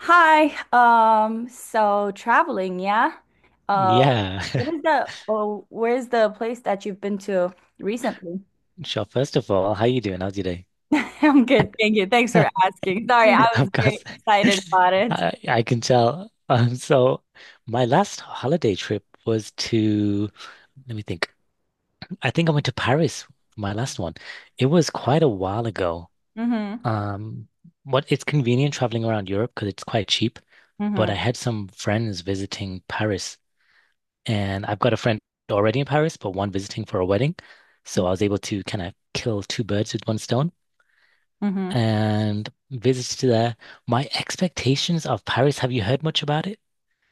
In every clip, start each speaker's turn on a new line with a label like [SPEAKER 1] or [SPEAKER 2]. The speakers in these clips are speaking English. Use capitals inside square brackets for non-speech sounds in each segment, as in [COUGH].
[SPEAKER 1] Hi. So traveling, yeah. Uh,
[SPEAKER 2] Yeah. [LAUGHS]
[SPEAKER 1] what is the oh, Where's the place that you've been to recently?
[SPEAKER 2] Sure. First of all, how you doing? How's your day?
[SPEAKER 1] [LAUGHS] I'm good, thank you. Thanks for
[SPEAKER 2] [LAUGHS]
[SPEAKER 1] asking. Sorry, I
[SPEAKER 2] Yeah,
[SPEAKER 1] was
[SPEAKER 2] of course.
[SPEAKER 1] very excited about
[SPEAKER 2] [LAUGHS]
[SPEAKER 1] it.
[SPEAKER 2] I can tell. So my last holiday trip was to, let me think. I think I went to Paris, my last one. It was quite a while ago.
[SPEAKER 1] Mm-hmm.
[SPEAKER 2] Um, what it's convenient traveling around Europe because it's quite cheap, but I
[SPEAKER 1] Mm-hmm.
[SPEAKER 2] had some friends visiting Paris and I've got a friend already in Paris, but one visiting for a wedding. So I
[SPEAKER 1] Mm-hmm.
[SPEAKER 2] was able to kind of kill two birds with one stone,
[SPEAKER 1] Mm-hmm.
[SPEAKER 2] and visits to there. My expectations of Paris, have you heard much about it?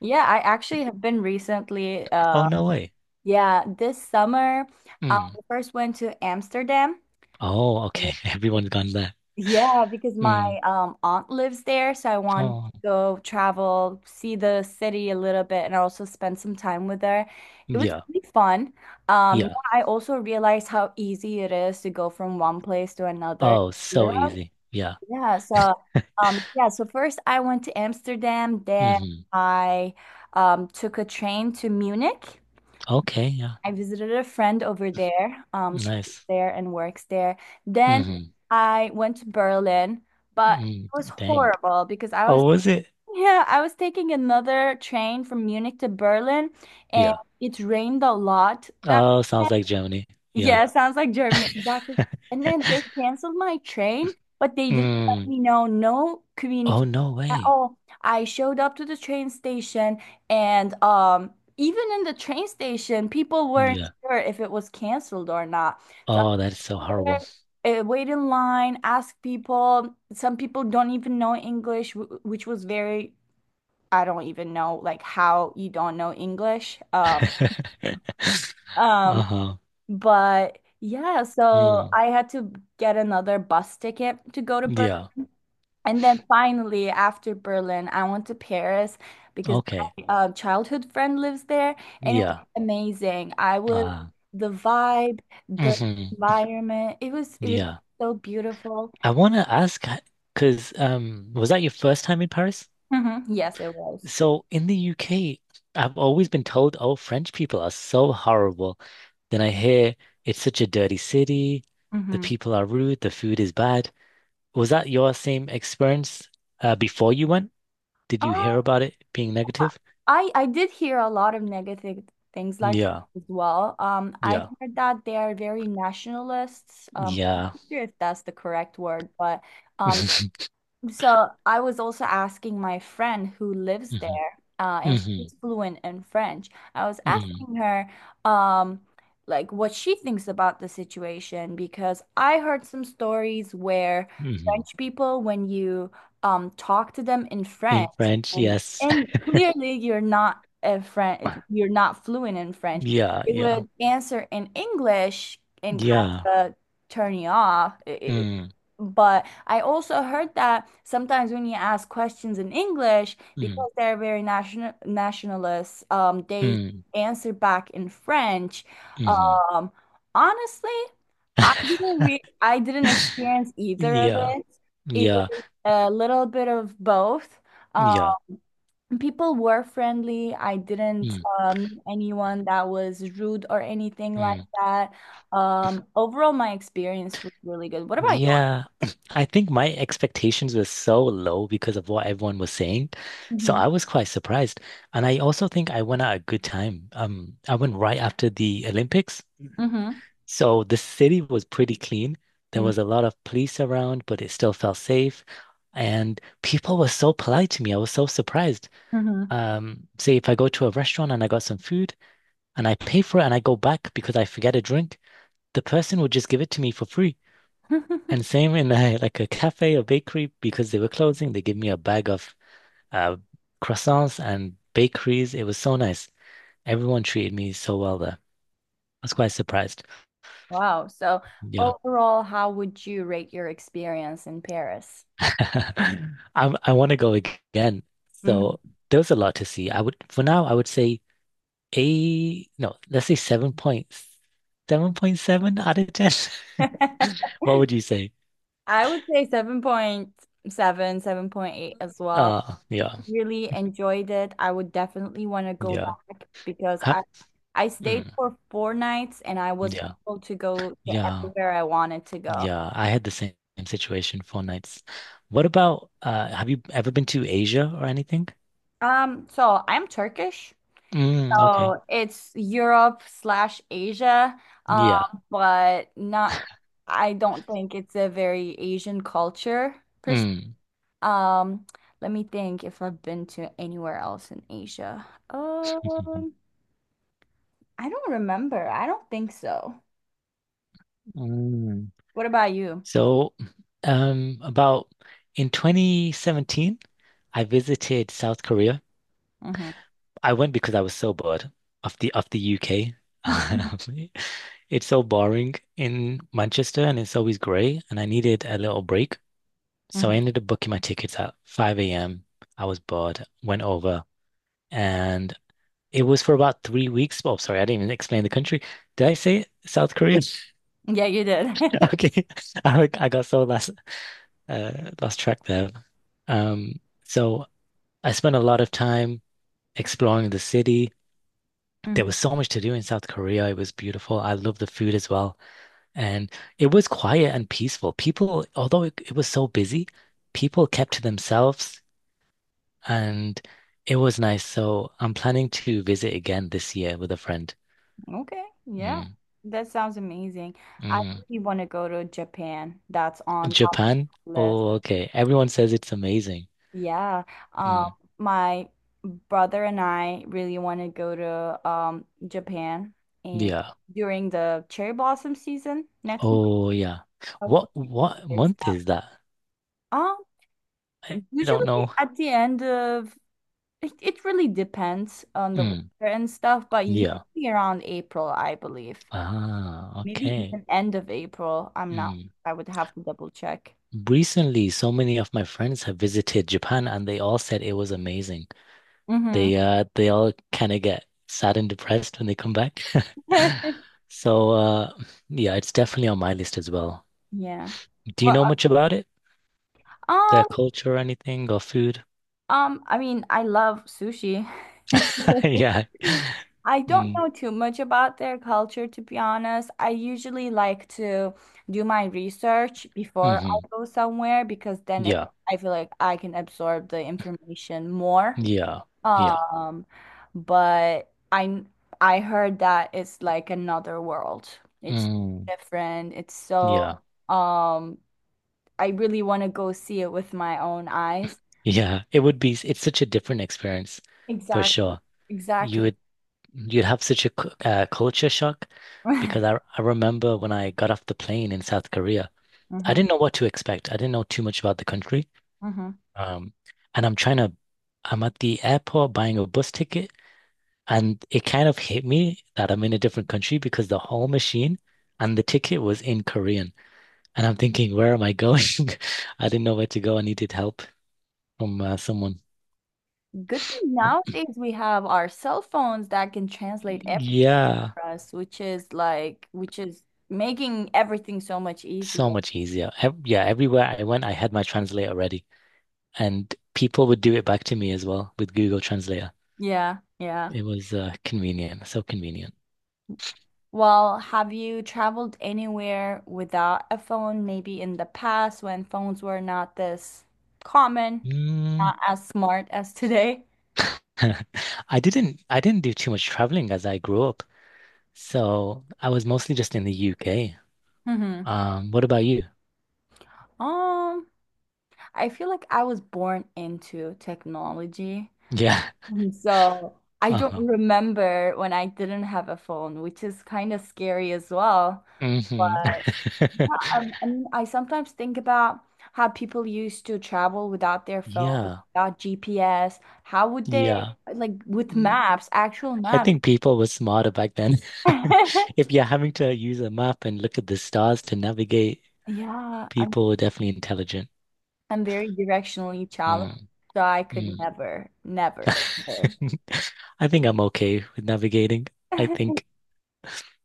[SPEAKER 1] Yeah, I actually have been recently.
[SPEAKER 2] Oh, no way.
[SPEAKER 1] Yeah, this summer, I
[SPEAKER 2] Mm.
[SPEAKER 1] first went to Amsterdam.
[SPEAKER 2] Oh,
[SPEAKER 1] Yeah.
[SPEAKER 2] okay. [LAUGHS] Everyone's gone there.
[SPEAKER 1] Yeah, because my
[SPEAKER 2] Mm.
[SPEAKER 1] aunt lives there, so I wanted to
[SPEAKER 2] Oh,
[SPEAKER 1] go travel, see the city a little bit, and also spend some time with her. It was
[SPEAKER 2] yeah,
[SPEAKER 1] really fun. Yeah,
[SPEAKER 2] yeah.
[SPEAKER 1] I also realized how easy it is to go from one place to another
[SPEAKER 2] Oh,
[SPEAKER 1] in
[SPEAKER 2] so
[SPEAKER 1] Europe.
[SPEAKER 2] easy. Yeah.
[SPEAKER 1] Yeah, so yeah, so first I went to Amsterdam, then
[SPEAKER 2] Hmm.
[SPEAKER 1] I took a train to Munich.
[SPEAKER 2] Okay, yeah.
[SPEAKER 1] I visited a friend over there. She lives
[SPEAKER 2] Nice.
[SPEAKER 1] there and works there. Then
[SPEAKER 2] Hmm.
[SPEAKER 1] I went to Berlin, but
[SPEAKER 2] Mm.
[SPEAKER 1] it was
[SPEAKER 2] Dang.
[SPEAKER 1] horrible because
[SPEAKER 2] Oh, was it?
[SPEAKER 1] I was taking another train from Munich to Berlin, and
[SPEAKER 2] Yeah.
[SPEAKER 1] it rained a lot that
[SPEAKER 2] Oh,
[SPEAKER 1] day.
[SPEAKER 2] sounds like Germany. Yeah.
[SPEAKER 1] Yeah,
[SPEAKER 2] [LAUGHS]
[SPEAKER 1] sounds like Germany. Exactly. And then they canceled my train, but they didn't let
[SPEAKER 2] Mm.
[SPEAKER 1] me know, no
[SPEAKER 2] Oh,
[SPEAKER 1] communication
[SPEAKER 2] no
[SPEAKER 1] at
[SPEAKER 2] way.
[SPEAKER 1] all. I showed up to the train station, and even in the train station, people weren't
[SPEAKER 2] Yeah.
[SPEAKER 1] sure if it was canceled or not. So I
[SPEAKER 2] Oh, that is so
[SPEAKER 1] was
[SPEAKER 2] horrible.
[SPEAKER 1] there, wait in line, ask people. Some people don't even know English, which was very, I don't even know like how you don't know English.
[SPEAKER 2] [LAUGHS]
[SPEAKER 1] Um,
[SPEAKER 2] Uh-huh.
[SPEAKER 1] but yeah, so
[SPEAKER 2] Mm.
[SPEAKER 1] I had to get another bus ticket to go to Berlin.
[SPEAKER 2] Yeah.
[SPEAKER 1] And then finally, after Berlin, I went to Paris because
[SPEAKER 2] Okay.
[SPEAKER 1] my childhood friend lives there, and it was
[SPEAKER 2] Yeah.
[SPEAKER 1] amazing. I was
[SPEAKER 2] Uh,
[SPEAKER 1] The vibe, the
[SPEAKER 2] mhm.
[SPEAKER 1] environment. It was
[SPEAKER 2] Yeah.
[SPEAKER 1] so beautiful.
[SPEAKER 2] I want to ask because was that your first time in Paris?
[SPEAKER 1] Hmm. Yes, it was.
[SPEAKER 2] So in the UK, I've always been told, oh, French people are so horrible. Then I hear it's such a dirty city, the
[SPEAKER 1] Hmm.
[SPEAKER 2] people are rude, the food is bad. Was that your same experience before you went? Did you hear about it being negative?
[SPEAKER 1] I did hear a lot of negative things, like,
[SPEAKER 2] Yeah.
[SPEAKER 1] as well. I
[SPEAKER 2] Yeah.
[SPEAKER 1] heard that they are very nationalists. I'm
[SPEAKER 2] Yeah.
[SPEAKER 1] not sure if that's the correct word, but um,
[SPEAKER 2] [LAUGHS]
[SPEAKER 1] so I was also asking my friend who lives
[SPEAKER 2] Hmm.
[SPEAKER 1] there, and
[SPEAKER 2] Hmm.
[SPEAKER 1] she's fluent in French. I was
[SPEAKER 2] Hmm.
[SPEAKER 1] asking her, um, like what she thinks about the situation because I heard some stories where
[SPEAKER 2] Hmm.
[SPEAKER 1] French people, when you talk to them in
[SPEAKER 2] In
[SPEAKER 1] French,
[SPEAKER 2] French,
[SPEAKER 1] and
[SPEAKER 2] yes.
[SPEAKER 1] clearly you're not a French,
[SPEAKER 2] [LAUGHS]
[SPEAKER 1] you're not fluent in French,
[SPEAKER 2] Yeah,
[SPEAKER 1] they
[SPEAKER 2] yeah,
[SPEAKER 1] would answer in English and
[SPEAKER 2] yeah.
[SPEAKER 1] kind of turn you off. It,
[SPEAKER 2] Mm,
[SPEAKER 1] but I also heard that sometimes when you ask questions in English,
[SPEAKER 2] mm,
[SPEAKER 1] because they're very nationalists, they
[SPEAKER 2] mm.
[SPEAKER 1] answer back in French.
[SPEAKER 2] Hmm.
[SPEAKER 1] Um, honestly,
[SPEAKER 2] [LAUGHS]
[SPEAKER 1] I didn't experience either of
[SPEAKER 2] Yeah,
[SPEAKER 1] it. It
[SPEAKER 2] yeah,
[SPEAKER 1] was a little bit of both. Um,
[SPEAKER 2] yeah.
[SPEAKER 1] people were friendly. I didn't
[SPEAKER 2] Mm,
[SPEAKER 1] meet anyone that was rude or anything like
[SPEAKER 2] mm.
[SPEAKER 1] that. Overall, my experience was really good. What about you?
[SPEAKER 2] Yeah, [CLEARS THROAT] I think my expectations were so low because of what everyone was saying. So
[SPEAKER 1] Mm-hmm.
[SPEAKER 2] I was quite surprised. And I also think I went at a good time. I went right after the Olympics. So the city was pretty clean. There was a lot of police around, but it still felt safe. And people were so polite to me. I was so surprised.
[SPEAKER 1] Mm-hmm.
[SPEAKER 2] Say if I go to a restaurant and I got some food and I pay for it and I go back because I forget a drink, the person will just give it to me for free. And
[SPEAKER 1] [LAUGHS]
[SPEAKER 2] same in [LAUGHS] like a cafe or bakery because they were closing, they give me a bag of uh, croissants and bakeries. It was so nice. Everyone treated me so well there. I was quite surprised.
[SPEAKER 1] Wow. So
[SPEAKER 2] Yeah.
[SPEAKER 1] overall, how would you rate your experience in Paris?
[SPEAKER 2] [LAUGHS] i I want to go again. So
[SPEAKER 1] Mhm.
[SPEAKER 2] there was a lot to see. I would, for now, I would say eight, no, let's say 7.7 point seven out of 10.
[SPEAKER 1] [LAUGHS]
[SPEAKER 2] [LAUGHS] What would you say?
[SPEAKER 1] I would say 7.7, 7.8 as well.
[SPEAKER 2] Yeah,
[SPEAKER 1] Really enjoyed it. I would definitely want to go
[SPEAKER 2] yeah.
[SPEAKER 1] back because
[SPEAKER 2] Ha.
[SPEAKER 1] I stayed
[SPEAKER 2] Mm,
[SPEAKER 1] for 4 nights and I was
[SPEAKER 2] yeah,
[SPEAKER 1] able to go to
[SPEAKER 2] yeah,
[SPEAKER 1] everywhere I wanted to go.
[SPEAKER 2] yeah. I had the same situation, 4 nights. What about, have you ever been to Asia or anything?
[SPEAKER 1] So I'm Turkish.
[SPEAKER 2] Mm, okay.
[SPEAKER 1] Oh, it's Europe slash Asia, um,
[SPEAKER 2] Yeah.
[SPEAKER 1] but not, I don't think it's a very Asian culture per se.
[SPEAKER 2] Mm.
[SPEAKER 1] Um, let me think if I've been to anywhere else in Asia.
[SPEAKER 2] [LAUGHS]
[SPEAKER 1] I don't remember. I don't think so.
[SPEAKER 2] Mm.
[SPEAKER 1] What about you?
[SPEAKER 2] So, about in 2017, I visited South Korea.
[SPEAKER 1] Hmm.
[SPEAKER 2] I went because I was so bored of the UK.
[SPEAKER 1] [LAUGHS]
[SPEAKER 2] [LAUGHS] It's so boring in Manchester and it's always grey and I needed a little break. So I
[SPEAKER 1] Hmm.
[SPEAKER 2] ended up booking my tickets at 5 a.m. I was bored, went over, and it was for about 3 weeks. Oh, sorry, I didn't even explain the country. Did I say South Korea? [LAUGHS]
[SPEAKER 1] Yeah, you did. [LAUGHS]
[SPEAKER 2] Okay. [LAUGHS] I got so uh lost track there. So I spent a lot of time exploring the city. There
[SPEAKER 1] Mhm.
[SPEAKER 2] was so much to do in South Korea. It was beautiful. I love the food as well. And it was quiet and peaceful. People, although it was so busy, people kept to themselves and it was nice. So I'm planning to visit again this year with a friend.
[SPEAKER 1] Okay, yeah.
[SPEAKER 2] Mm,
[SPEAKER 1] That sounds amazing. I
[SPEAKER 2] mm.
[SPEAKER 1] really want to go to Japan. That's on top of
[SPEAKER 2] Japan?
[SPEAKER 1] the list.
[SPEAKER 2] Oh, okay. Everyone says it's amazing.
[SPEAKER 1] Yeah. Um,
[SPEAKER 2] Mm,
[SPEAKER 1] my brother and I really want to go to Japan and
[SPEAKER 2] yeah.
[SPEAKER 1] during the cherry blossom season next month.
[SPEAKER 2] Oh, yeah.
[SPEAKER 1] I was
[SPEAKER 2] What
[SPEAKER 1] looking
[SPEAKER 2] what
[SPEAKER 1] for ex-
[SPEAKER 2] month is that?
[SPEAKER 1] Um,
[SPEAKER 2] I don't
[SPEAKER 1] usually
[SPEAKER 2] know.
[SPEAKER 1] at the end of it really depends on the
[SPEAKER 2] Mm,
[SPEAKER 1] weather and stuff, but
[SPEAKER 2] yeah.
[SPEAKER 1] usually around April, I believe.
[SPEAKER 2] Ah,
[SPEAKER 1] Maybe
[SPEAKER 2] okay.
[SPEAKER 1] even end of April. I'm not,
[SPEAKER 2] Mm.
[SPEAKER 1] I would have to double check.
[SPEAKER 2] Recently, so many of my friends have visited Japan and they all said it was amazing.
[SPEAKER 1] Mm-hmm.
[SPEAKER 2] They all kind of get sad and depressed when they come back. [LAUGHS]
[SPEAKER 1] [LAUGHS]
[SPEAKER 2] So yeah, it's definitely on my list as well.
[SPEAKER 1] Yeah.
[SPEAKER 2] Do you
[SPEAKER 1] Well,
[SPEAKER 2] know much about it? Their
[SPEAKER 1] um.
[SPEAKER 2] culture or anything or food?
[SPEAKER 1] I mean, I love sushi.
[SPEAKER 2] [LAUGHS] Yeah.
[SPEAKER 1] [LAUGHS] I don't
[SPEAKER 2] Mm.
[SPEAKER 1] know too much about their culture, to be honest. I usually like to do my research before
[SPEAKER 2] Hmm.
[SPEAKER 1] I go somewhere because then it
[SPEAKER 2] Yeah.
[SPEAKER 1] I feel like I can absorb the information more.
[SPEAKER 2] Yeah. Yeah.
[SPEAKER 1] Um, but I heard that it's like another world. It's
[SPEAKER 2] Mm.
[SPEAKER 1] different. It's so
[SPEAKER 2] Yeah.
[SPEAKER 1] um I really want to go see it with my own eyes.
[SPEAKER 2] Yeah. It would be it's such a different experience for
[SPEAKER 1] Exactly.
[SPEAKER 2] sure. You
[SPEAKER 1] Exactly.
[SPEAKER 2] would You'd have such a culture shock
[SPEAKER 1] [LAUGHS]
[SPEAKER 2] because
[SPEAKER 1] Hmm.
[SPEAKER 2] I remember when I got off the plane in South Korea, I didn't know what to expect. I didn't know too much about the country.
[SPEAKER 1] Hmm.
[SPEAKER 2] Um, and I'm I'm at the airport buying a bus ticket, and it kind of hit me that I'm in a different country because the whole machine and the ticket was in Korean. And I'm thinking, where am I going? [LAUGHS] I didn't know where to go. I needed help from someone.
[SPEAKER 1] Good thing nowadays we have our cell phones that can translate everything
[SPEAKER 2] Yeah,
[SPEAKER 1] for us, which is like, which is making everything so much
[SPEAKER 2] so
[SPEAKER 1] easier.
[SPEAKER 2] much easier. Ev yeah, everywhere I went, I had my translator ready. And people would do it back to me as well with Google Translator.
[SPEAKER 1] Yeah, yeah.
[SPEAKER 2] It was convenient, so convenient.
[SPEAKER 1] Well, have you traveled anywhere without a phone, maybe in the past when phones were not this common,
[SPEAKER 2] Mm.
[SPEAKER 1] not as smart as today?
[SPEAKER 2] [LAUGHS] I didn't do too much traveling as I grew up, so I was mostly just in the UK.
[SPEAKER 1] Hmm.
[SPEAKER 2] What about you? [LAUGHS]
[SPEAKER 1] Um, I feel like I was born into technology.
[SPEAKER 2] Yeah.
[SPEAKER 1] Mhm. So I don't
[SPEAKER 2] Uh-huh.
[SPEAKER 1] remember when I didn't have a phone, which is kind of scary as well.
[SPEAKER 2] Hmm.
[SPEAKER 1] But yeah, I mean, I sometimes think about how people used to travel without their
[SPEAKER 2] [LAUGHS]
[SPEAKER 1] phones,
[SPEAKER 2] Yeah.
[SPEAKER 1] without GPS. How would they,
[SPEAKER 2] Yeah.
[SPEAKER 1] like, with
[SPEAKER 2] Mm,
[SPEAKER 1] maps, actual
[SPEAKER 2] I
[SPEAKER 1] maps?
[SPEAKER 2] think people were smarter back then. [LAUGHS] If
[SPEAKER 1] [LAUGHS]
[SPEAKER 2] you're having to use a map and look at the stars to navigate,
[SPEAKER 1] Yeah, I'm
[SPEAKER 2] people were definitely intelligent.
[SPEAKER 1] I'm very directionally
[SPEAKER 2] Mm,
[SPEAKER 1] challenged, so I could
[SPEAKER 2] mm.
[SPEAKER 1] never,
[SPEAKER 2] [LAUGHS]
[SPEAKER 1] never, ever.
[SPEAKER 2] [LAUGHS] I think I'm okay with navigating. I
[SPEAKER 1] [LAUGHS]
[SPEAKER 2] think,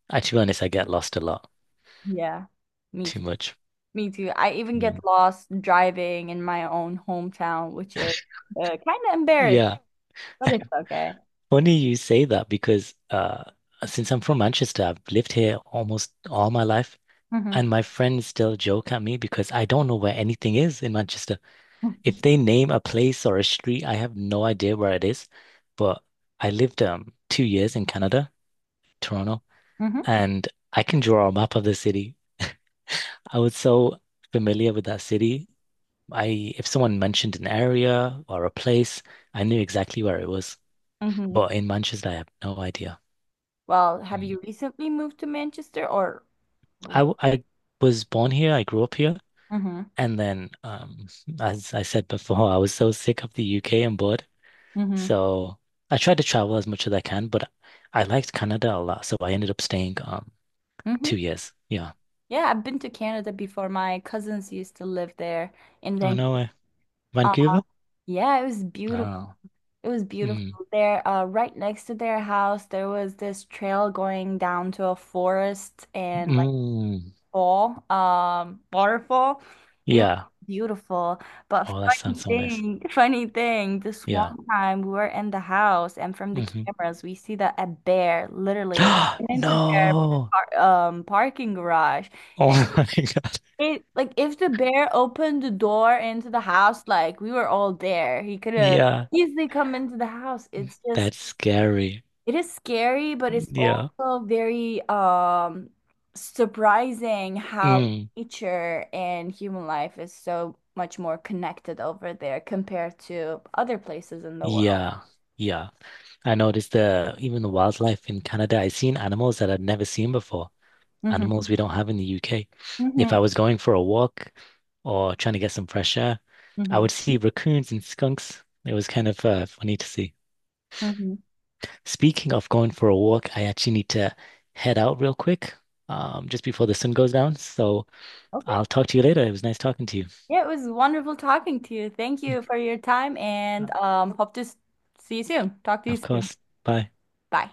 [SPEAKER 2] to be honest, I get lost a lot
[SPEAKER 1] Yeah, me
[SPEAKER 2] too
[SPEAKER 1] too.
[SPEAKER 2] much.
[SPEAKER 1] Me too. I even
[SPEAKER 2] Yeah.
[SPEAKER 1] get lost driving in my own hometown, which is kind of embarrassing,
[SPEAKER 2] Yeah,
[SPEAKER 1] but it's okay.
[SPEAKER 2] funny you say that because since I'm from Manchester, I've lived here almost all my life, and
[SPEAKER 1] Hmm.
[SPEAKER 2] my friends still joke at me because I don't know where anything is in Manchester. If they name a place or a street, I have no idea where it is. But I lived 2 years in Canada, Toronto,
[SPEAKER 1] Hmm.
[SPEAKER 2] and I can draw a map of the city. [LAUGHS] I was so familiar with that city. I if someone mentioned an area or a place, I knew exactly where it was.
[SPEAKER 1] Hmm.
[SPEAKER 2] But in Manchester, I have no idea.
[SPEAKER 1] [LAUGHS] Well, have
[SPEAKER 2] Mm.
[SPEAKER 1] you recently moved to Manchester or? Hmm.
[SPEAKER 2] I was born here. I grew up here, and then as I said before, I was so sick of the UK and bored.
[SPEAKER 1] Hmm.
[SPEAKER 2] So I tried to travel as much as I can, but I liked Canada a lot, so I ended up staying
[SPEAKER 1] Hmm.
[SPEAKER 2] 2 years. Yeah.
[SPEAKER 1] Yeah, I've been to Canada before. My cousins used to live there, and
[SPEAKER 2] Oh
[SPEAKER 1] then
[SPEAKER 2] no way.
[SPEAKER 1] uh,
[SPEAKER 2] Vancouver?
[SPEAKER 1] yeah, it was beautiful.
[SPEAKER 2] Oh.
[SPEAKER 1] It was
[SPEAKER 2] Mm.
[SPEAKER 1] beautiful there. Right next to their house, there was this trail going down to a forest, and like.
[SPEAKER 2] Mm.
[SPEAKER 1] Fall, waterfall. It was
[SPEAKER 2] Yeah.
[SPEAKER 1] beautiful. But
[SPEAKER 2] Oh, that sounds so nice.
[SPEAKER 1] funny thing, this one
[SPEAKER 2] Yeah.
[SPEAKER 1] time we were in the house and from the
[SPEAKER 2] Mm-hmm.
[SPEAKER 1] cameras we see that a bear literally
[SPEAKER 2] [GASPS]
[SPEAKER 1] went into their
[SPEAKER 2] No.
[SPEAKER 1] par parking garage.
[SPEAKER 2] Oh
[SPEAKER 1] And
[SPEAKER 2] [LAUGHS] my God.
[SPEAKER 1] it like if the bear opened the door into the house, like we were all there. He could have
[SPEAKER 2] Yeah,
[SPEAKER 1] easily come into the house. It's just
[SPEAKER 2] that's scary.
[SPEAKER 1] it is scary, but it's
[SPEAKER 2] Yeah.
[SPEAKER 1] also very surprising how
[SPEAKER 2] Mm.
[SPEAKER 1] nature and human life is so much more connected over there compared to other places in the world.
[SPEAKER 2] Yeah. Yeah. I noticed the even the wildlife in Canada, I've seen animals that I've never seen before.
[SPEAKER 1] Hmm.
[SPEAKER 2] Animals we don't have in the UK. If
[SPEAKER 1] Hmm.
[SPEAKER 2] I was going for a walk or trying to get some fresh air, I
[SPEAKER 1] Hmm.
[SPEAKER 2] would see raccoons and skunks. It was kind of funny to see.
[SPEAKER 1] Hmm.
[SPEAKER 2] Speaking of going for a walk, I actually need to head out real quick, just before the sun goes down. So
[SPEAKER 1] Okay.
[SPEAKER 2] I'll talk to you later. It was nice talking to you.
[SPEAKER 1] Yeah, it was wonderful talking to you. Thank you for your time and hope to see you soon. Talk to you
[SPEAKER 2] Of
[SPEAKER 1] soon.
[SPEAKER 2] course. Bye.
[SPEAKER 1] Bye.